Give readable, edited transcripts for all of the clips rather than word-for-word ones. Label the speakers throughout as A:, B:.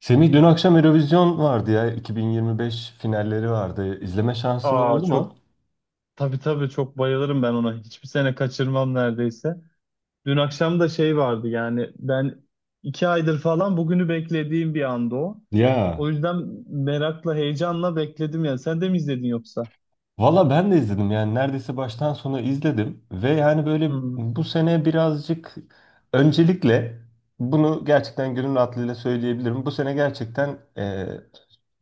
A: Semih, dün akşam Eurovision vardı ya. 2025 finalleri vardı. İzleme şansın
B: Aa,
A: oldu
B: çok
A: mu?
B: tabii tabii çok bayılırım ben ona. Hiçbir sene kaçırmam neredeyse. Dün akşam da şey vardı yani ben 2 aydır falan bugünü beklediğim bir anda o.
A: Ya
B: O yüzden merakla, heyecanla bekledim yani. Sen de mi izledin yoksa?
A: Valla ben de izledim, yani neredeyse baştan sona izledim. Ve yani böyle
B: Hı,
A: bu sene birazcık öncelikle bunu gerçekten gönül rahatlığıyla söyleyebilirim. Bu sene gerçekten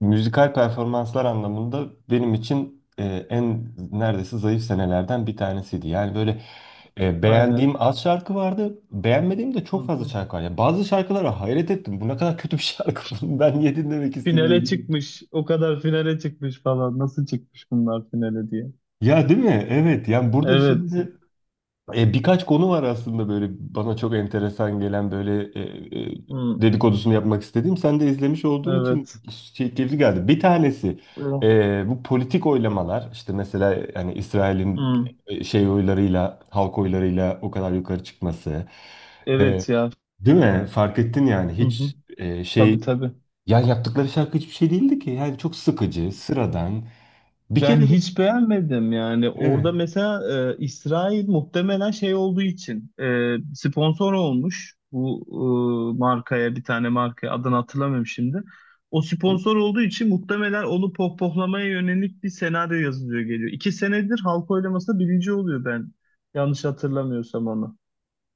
A: müzikal performanslar anlamında benim için en neredeyse zayıf senelerden bir tanesiydi. Yani böyle
B: aynen.
A: beğendiğim az şarkı vardı, beğenmediğim de
B: Hı
A: çok fazla
B: hı.
A: şarkı var. Ya bazı şarkılara hayret ettim. Bu ne kadar kötü bir şarkı. Bunu ben niye dinlemek
B: Finale
A: isteyeyim diye.
B: çıkmış. O kadar finale çıkmış falan. Nasıl çıkmış bunlar finale diye.
A: Ya değil mi? Evet. Yani burada
B: Evet.
A: şimdi birkaç konu var aslında, böyle bana çok enteresan gelen böyle
B: Hı,
A: dedikodusunu yapmak istediğim. Sen de izlemiş olduğun için
B: evet.
A: şey, keyifli geldi. Bir tanesi
B: Hı.
A: bu politik oylamalar, işte mesela yani İsrail'in
B: Hı,
A: şey oylarıyla, halk oylarıyla o kadar yukarı çıkması. E,
B: evet ya.
A: Değil mi? Fark ettin yani
B: Hı hı.
A: hiç
B: Tabii
A: şey,
B: tabii.
A: yani yaptıkları şarkı hiçbir şey değildi ki. Yani çok sıkıcı, sıradan. Bir
B: Ben
A: kere
B: hiç beğenmedim yani.
A: evet.
B: Orada mesela İsrail muhtemelen şey olduğu için sponsor olmuş bu markaya, bir tane markaya, adını hatırlamıyorum şimdi. O sponsor olduğu için muhtemelen onu pohpohlamaya yönelik bir senaryo yazılıyor geliyor. 2 senedir halk oylamasında birinci oluyor ben yanlış hatırlamıyorsam onu.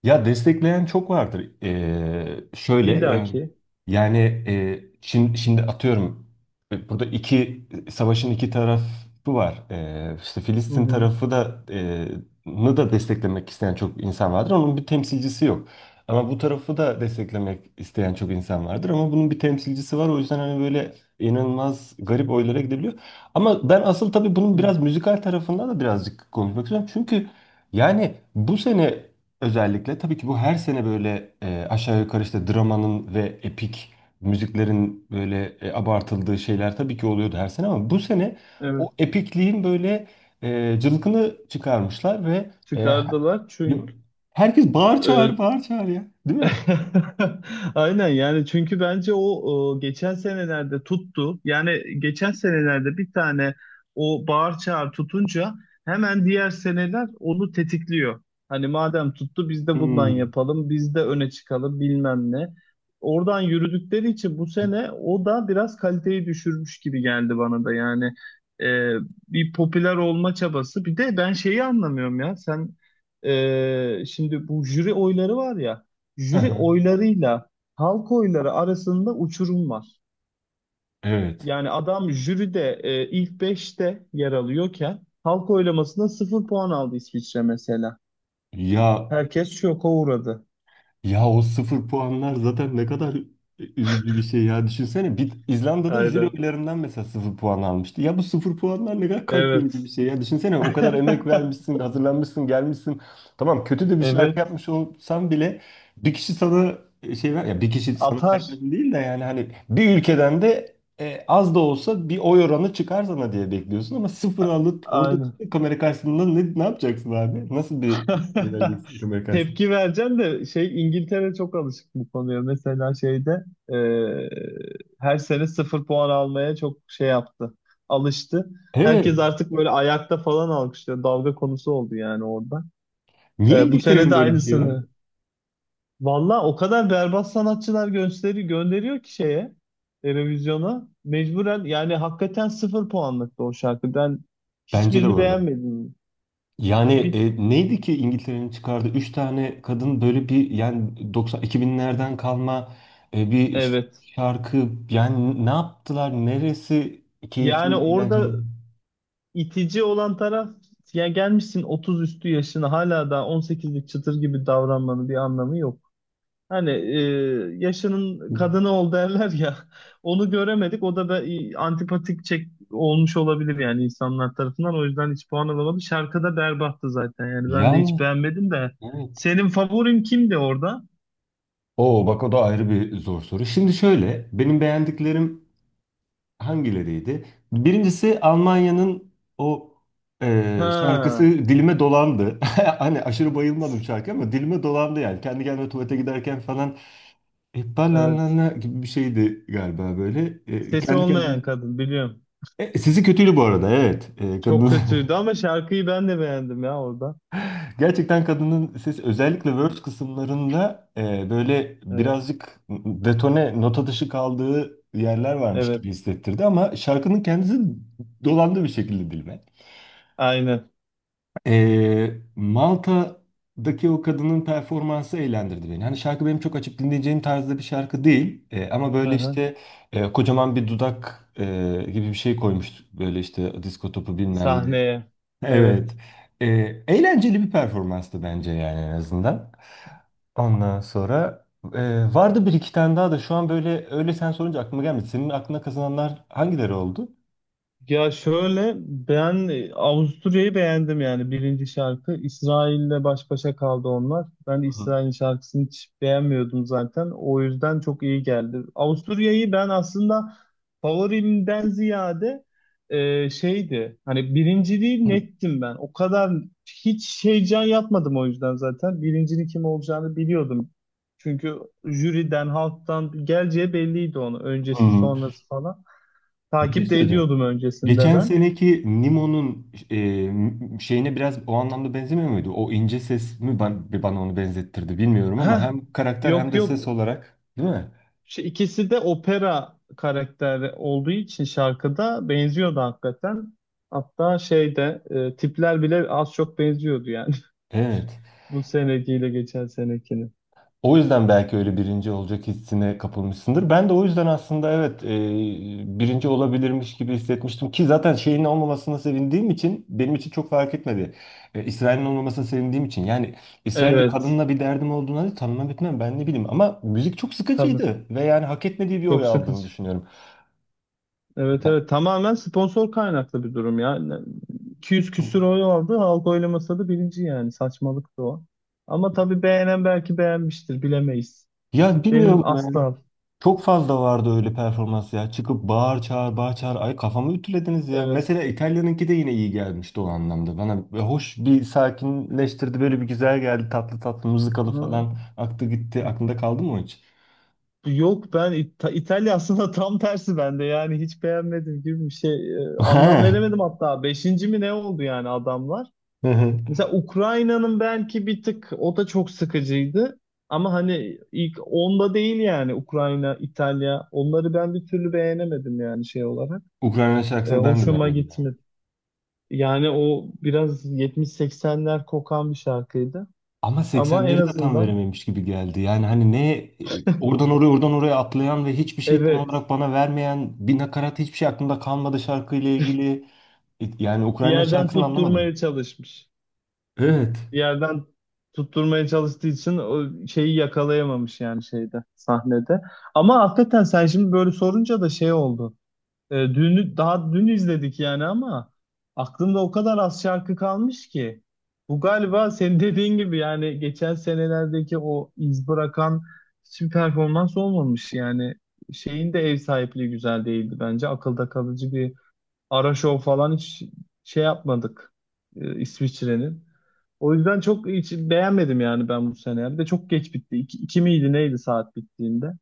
A: Ya destekleyen çok vardır. Şöyle
B: İlla
A: yani,
B: ki.
A: yani şimdi atıyorum, burada iki savaşın iki tarafı var. İşte
B: Hı
A: Filistin
B: hı.
A: tarafı da nı da desteklemek isteyen çok insan vardır. Onun bir temsilcisi yok. Ama bu tarafı da desteklemek isteyen çok insan vardır. Ama bunun bir temsilcisi var. O yüzden hani böyle inanılmaz garip oylara gidebiliyor. Ama ben asıl tabii bunun
B: Hı.
A: biraz müzikal tarafından da birazcık konuşmak istiyorum. Çünkü yani bu sene özellikle, tabii ki bu her sene böyle aşağı yukarı, işte dramanın ve epik müziklerin böyle abartıldığı şeyler tabii ki oluyordu her sene, ama bu sene o
B: Evet.
A: epikliğin böyle cılkını çıkarmışlar ve
B: Çıkardılar
A: he-
B: çünkü
A: herkes bağır çağır
B: e,
A: bağır çağır, ya değil mi?
B: Aynen yani çünkü bence o geçen senelerde tuttu. Yani geçen senelerde bir tane o bağır çağır tutunca hemen diğer seneler onu tetikliyor. Hani madem tuttu biz de bundan
A: Hmm.
B: yapalım, biz de öne çıkalım bilmem ne. Oradan yürüdükleri için bu sene o da biraz kaliteyi düşürmüş gibi geldi bana da yani. e, Bir popüler olma çabası. Bir de ben şeyi anlamıyorum ya sen şimdi bu jüri oyları var ya, jüri oylarıyla halk oyları arasında uçurum var.
A: Evet.
B: Yani adam jüride ilk beşte yer alıyorken halk oylamasında sıfır puan aldı İsviçre mesela.
A: Ya
B: Herkes şoka uğradı.
A: Ya o sıfır puanlar zaten ne kadar üzücü bir şey ya. Düşünsene bir İzlanda'da jüri
B: Aynen.
A: oylarından mesela sıfır puan almıştı. Ya bu sıfır puanlar ne kadar kalp yorucu bir
B: Evet.
A: şey ya. Düşünsene, o kadar emek vermişsin, hazırlanmışsın, gelmişsin. Tamam, kötü de bir şarkı
B: Evet,
A: yapmış olsan bile bir kişi sana şey ver ya, bir kişi sana
B: atar.
A: vermedi değil de, yani hani bir ülkeden de az da olsa bir oy oranı çıkar sana diye bekliyorsun, ama sıfır
B: A-
A: alıp orada
B: Aynen.
A: kamera karşısında ne yapacaksın abi? Nasıl bir şey vereceksin kamera karşısında?
B: Tepki vereceğim de şey İngiltere çok alışık bu konuya. Mesela şeyde e, her sene sıfır puan almaya çok şey yaptı. Alıştı. Herkes
A: Evet.
B: artık böyle ayakta falan alkışlıyor. Dalga konusu oldu yani orada.
A: Niye
B: Bu sene
A: İngiltere'nin
B: de
A: böyle bir şeyi var?
B: aynısını. Valla o kadar berbat sanatçılar gösteri gönderiyor ki şeye, televizyona. Mecburen yani hakikaten sıfır puanlıktı o şarkı. Ben
A: Bence de
B: hiçbirini
A: bu arada.
B: beğenmedim.
A: Yani
B: Bir,
A: neydi ki İngiltere'nin çıkardığı? 3 tane kadın, böyle bir yani 90 2000'lerden kalma bir
B: evet.
A: şarkı. Yani ne yaptılar? Neresi
B: Yani
A: keyifli,
B: orada
A: eğlenceli?
B: itici olan taraf, ya gelmişsin 30 üstü yaşına hala daha 18'lik çıtır gibi davranmanın bir anlamı yok. Hani yaşının kadını ol derler ya, onu göremedik, o da antipatik çek olmuş olabilir yani insanlar tarafından, o yüzden hiç puan alamadı. Şarkı da berbattı zaten yani, ben de hiç
A: Yani
B: beğenmedim de.
A: evet.
B: Senin favorin kimdi orada?
A: Oo, bak o da ayrı bir zor soru. Şimdi şöyle, benim beğendiklerim hangileriydi? Birincisi Almanya'nın o şarkısı
B: Ha,
A: dilime dolandı. Hani aşırı bayılmadım şarkı, ama dilime dolandı yani. Kendi kendime tuvalete giderken falan,
B: evet,
A: banana gibi bir şeydi galiba böyle. E,
B: sesi
A: kendi kendime.
B: olmayan kadın biliyorum.
A: E, sesi kötüydü bu arada, evet. E,
B: Çok
A: kadın
B: kötüydü ama şarkıyı ben de beğendim ya orada.
A: gerçekten, kadının sesi özellikle verse kısımlarında böyle
B: Evet,
A: birazcık detone, nota dışı kaldığı yerler varmış gibi
B: evet.
A: hissettirdi, ama şarkının kendisi dolandı bir şekilde dilime.
B: Aynen.
A: Ee, Malta'daki o kadının performansı eğlendirdi beni. Hani şarkı benim çok açıp dinleyeceğim tarzda bir şarkı değil. Ama
B: Hı
A: böyle
B: hı.
A: işte kocaman bir dudak gibi bir şey koymuştuk. Böyle işte disko topu bilmem ne.
B: Sahneye.
A: Evet.
B: Evet.
A: Ee, Eğlenceli bir performanstı bence, yani en azından. Ondan sonra vardı bir iki tane daha da şu an böyle, öyle sen sorunca aklıma gelmedi. Senin aklına kazananlar hangileri oldu?
B: Ya şöyle, ben Avusturya'yı beğendim yani, birinci şarkı. İsrail'le baş başa kaldı onlar. Ben
A: Hı hı.
B: İsrail'in şarkısını hiç beğenmiyordum zaten. O yüzden çok iyi geldi. Avusturya'yı ben aslında favorimden ziyade şeydi. Hani birinciliği nettim ben. O kadar hiç heyecan yapmadım o yüzden zaten. Birincinin kim olacağını biliyordum. Çünkü jüriden, halktan geleceği belliydi onu.
A: Hı
B: Öncesi,
A: hı.
B: sonrası falan.
A: Bir şey
B: Takip de
A: söyleyeceğim.
B: ediyordum öncesinde
A: Geçen
B: ben.
A: seneki Nemo'nun şeyine biraz o anlamda benzemiyor muydu? O ince ses mi bana onu benzettirdi bilmiyorum, ama
B: Heh,
A: hem karakter hem
B: yok
A: de
B: yok.
A: ses olarak değil mi?
B: Şu ikisi de opera karakteri olduğu için şarkıda benziyordu hakikaten. Hatta şeyde tipler bile az çok benziyordu yani.
A: Evet.
B: Bu senekiyle geçen senekini.
A: O yüzden belki öyle birinci olacak hissine kapılmışsındır. Ben de o yüzden aslında evet, birinci olabilirmiş gibi hissetmiştim, ki zaten şeyin olmamasına sevindiğim için benim için çok fark etmedi. E, İsrail'in olmamasına sevindiğim için yani. İsrailli
B: Evet.
A: kadınla bir derdim olduğuna da tanımam etmem ben, ne bileyim, ama müzik çok
B: Tabii.
A: sıkıcıydı ve yani hak etmediği bir oy
B: Çok
A: aldığını
B: sıkıcı.
A: düşünüyorum.
B: Evet
A: Ya,
B: evet. Tamamen sponsor kaynaklı bir durum ya. 200 küsür oy aldı. Halk oylamasa da birinci yani. Saçmalıktı o. Ama tabii beğenen belki beğenmiştir. Bilemeyiz.
A: bilmiyorum,
B: Benim asla.
A: çok fazla vardı öyle performans ya. Çıkıp bağır çağır bağır çağır. Ay, kafamı ütülediniz ya. Mesela
B: Evet.
A: İtalya'nınki de yine iyi gelmişti o anlamda. Bana hoş, bir sakinleştirdi. Böyle bir güzel geldi. Tatlı tatlı, mızıkalı falan.
B: Ha,
A: Aktı gitti. Aklında kaldı mı o hiç?
B: yok, ben İtalya aslında tam tersi bende yani, hiç beğenmedim gibi bir şey. Anlam
A: Ha.
B: veremedim, hatta beşinci mi ne oldu yani adamlar. Mesela Ukrayna'nın, belki bir tık o da çok sıkıcıydı ama hani ilk onda değil yani Ukrayna, İtalya, onları ben bir türlü beğenemedim yani şey olarak.
A: Ukrayna şarkısını ben de
B: Hoşuma
A: beğenmedim ya.
B: gitmedi. Yani o biraz 70 seksenler kokan bir şarkıydı,
A: Ama
B: ama en
A: 80'leri de tam
B: azından
A: verememiş gibi geldi. Yani hani ne oradan oraya oradan oraya atlayan ve hiçbir şey tam
B: evet,
A: olarak bana vermeyen bir nakarat, hiçbir şey aklımda kalmadı şarkıyla ilgili. E, yani
B: bir
A: Ukrayna
B: yerden
A: şarkısını anlamadım.
B: tutturmaya çalışmış.
A: Evet.
B: Yerden tutturmaya çalıştığı için o şeyi yakalayamamış yani, şeyde, sahnede. Ama hakikaten sen şimdi böyle sorunca da şey oldu. Dünü daha dün izledik yani, ama aklımda o kadar az şarkı kalmış ki. Bu galiba senin dediğin gibi yani, geçen senelerdeki o iz bırakan hiçbir performans olmamış yani. Şeyin de ev sahipliği güzel değildi bence. Akılda kalıcı bir ara şov falan hiç şey yapmadık. İsviçre'nin. O yüzden çok hiç beğenmedim yani ben bu sene. Bir de çok geç bitti. İki miydi neydi saat bittiğinde?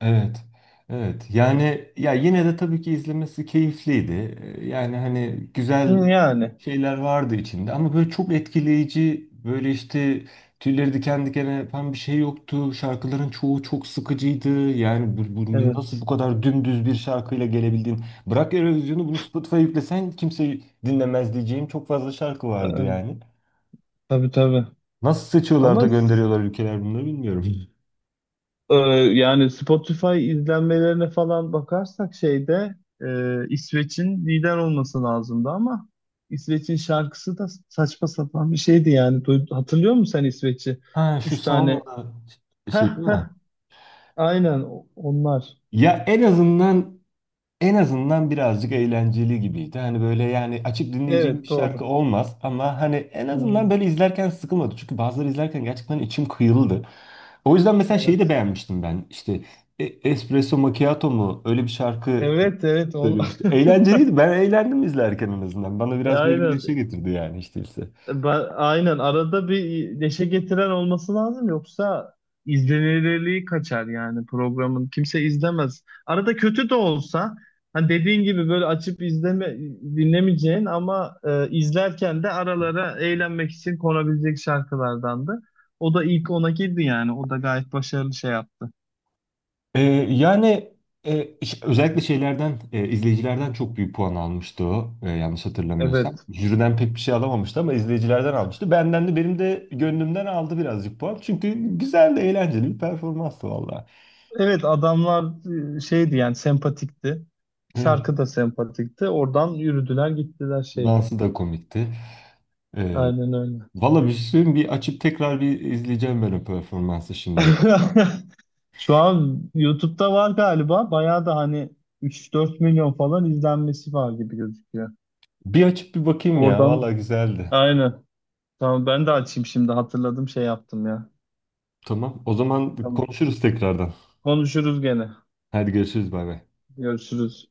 A: Evet. Evet. Yani ya yine de tabii ki izlemesi keyifliydi. Yani hani
B: Hı,
A: güzel
B: yani
A: şeyler vardı içinde, ama böyle çok etkileyici, böyle işte tüyleri diken diken yapan bir şey yoktu. Şarkıların çoğu çok sıkıcıydı. Yani bu nasıl
B: evet.
A: bu kadar dümdüz bir şarkıyla gelebildin? Bırak Eurovision'u, bunu Spotify'a yüklesen kimse dinlemez diyeceğim çok fazla şarkı vardı
B: Ee,
A: yani.
B: tabii tabii.
A: Nasıl seçiyorlar
B: Ama
A: da gönderiyorlar ülkeler bunları bilmiyorum.
B: e, yani Spotify izlenmelerine falan bakarsak şeyde İsveç'in lider olması lazımdı ama İsveç'in şarkısı da saçma sapan bir şeydi yani. Hatırlıyor musun sen İsveç'i?
A: Ha, şu
B: 3 tane.
A: sauna şey
B: Heh
A: şey değil
B: heh,
A: mi?
B: aynen onlar.
A: Ya en azından, en azından birazcık eğlenceli gibiydi. Hani böyle, yani açıp dinleyeceğim bir
B: Evet doğru.
A: şarkı olmaz, ama hani en azından
B: Hmm,
A: böyle izlerken sıkılmadı. Çünkü bazıları izlerken gerçekten içim kıyıldı. O yüzden mesela şeyi de
B: evet.
A: beğenmiştim ben. İşte Espresso Macchiato mu öyle bir şarkı e,
B: Evet, evet.
A: söylemişti. Eğlenceliydi. Ben eğlendim izlerken en azından. Bana biraz böyle bir
B: Aynen.
A: neşe getirdi, yani işte ise.
B: Ben, aynen. Arada bir neşe getiren olması lazım. Yoksa izlenirliği kaçar yani programın. Kimse izlemez. Arada kötü de olsa hani dediğin gibi böyle açıp izleme, dinlemeyeceğin ama izlerken de aralara eğlenmek için konabilecek şarkılardandı. O da ilk ona girdi yani. O da gayet başarılı şey yaptı.
A: Ee, Yani özellikle şeylerden, izleyicilerden çok büyük puan almıştı o, yanlış hatırlamıyorsam.
B: Evet.
A: Jüriden pek bir şey alamamıştı, ama izleyicilerden almıştı. Benden de, benim de gönlümden aldı birazcık puan. Çünkü güzel, de eğlenceli bir performanstı valla.
B: Evet adamlar şeydi yani, sempatikti.
A: Evet,
B: Şarkı da sempatikti. Oradan yürüdüler gittiler şeyde.
A: dansı da komikti. Ee,
B: Aynen öyle.
A: Valla bir şey söyleyeyim, bir açıp tekrar bir izleyeceğim ben o performansı şimdi.
B: Şu an YouTube'da var galiba. Bayağı da hani 3-4 milyon falan izlenmesi var gibi gözüküyor.
A: Bir açıp bir bakayım ya, valla
B: Oradan
A: güzeldi.
B: aynen. Tamam, ben de açayım şimdi, hatırladım şey yaptım ya.
A: Tamam, o zaman
B: Tamam.
A: konuşuruz tekrardan.
B: Konuşuruz gene.
A: Hadi görüşürüz, bay bay.
B: Görüşürüz.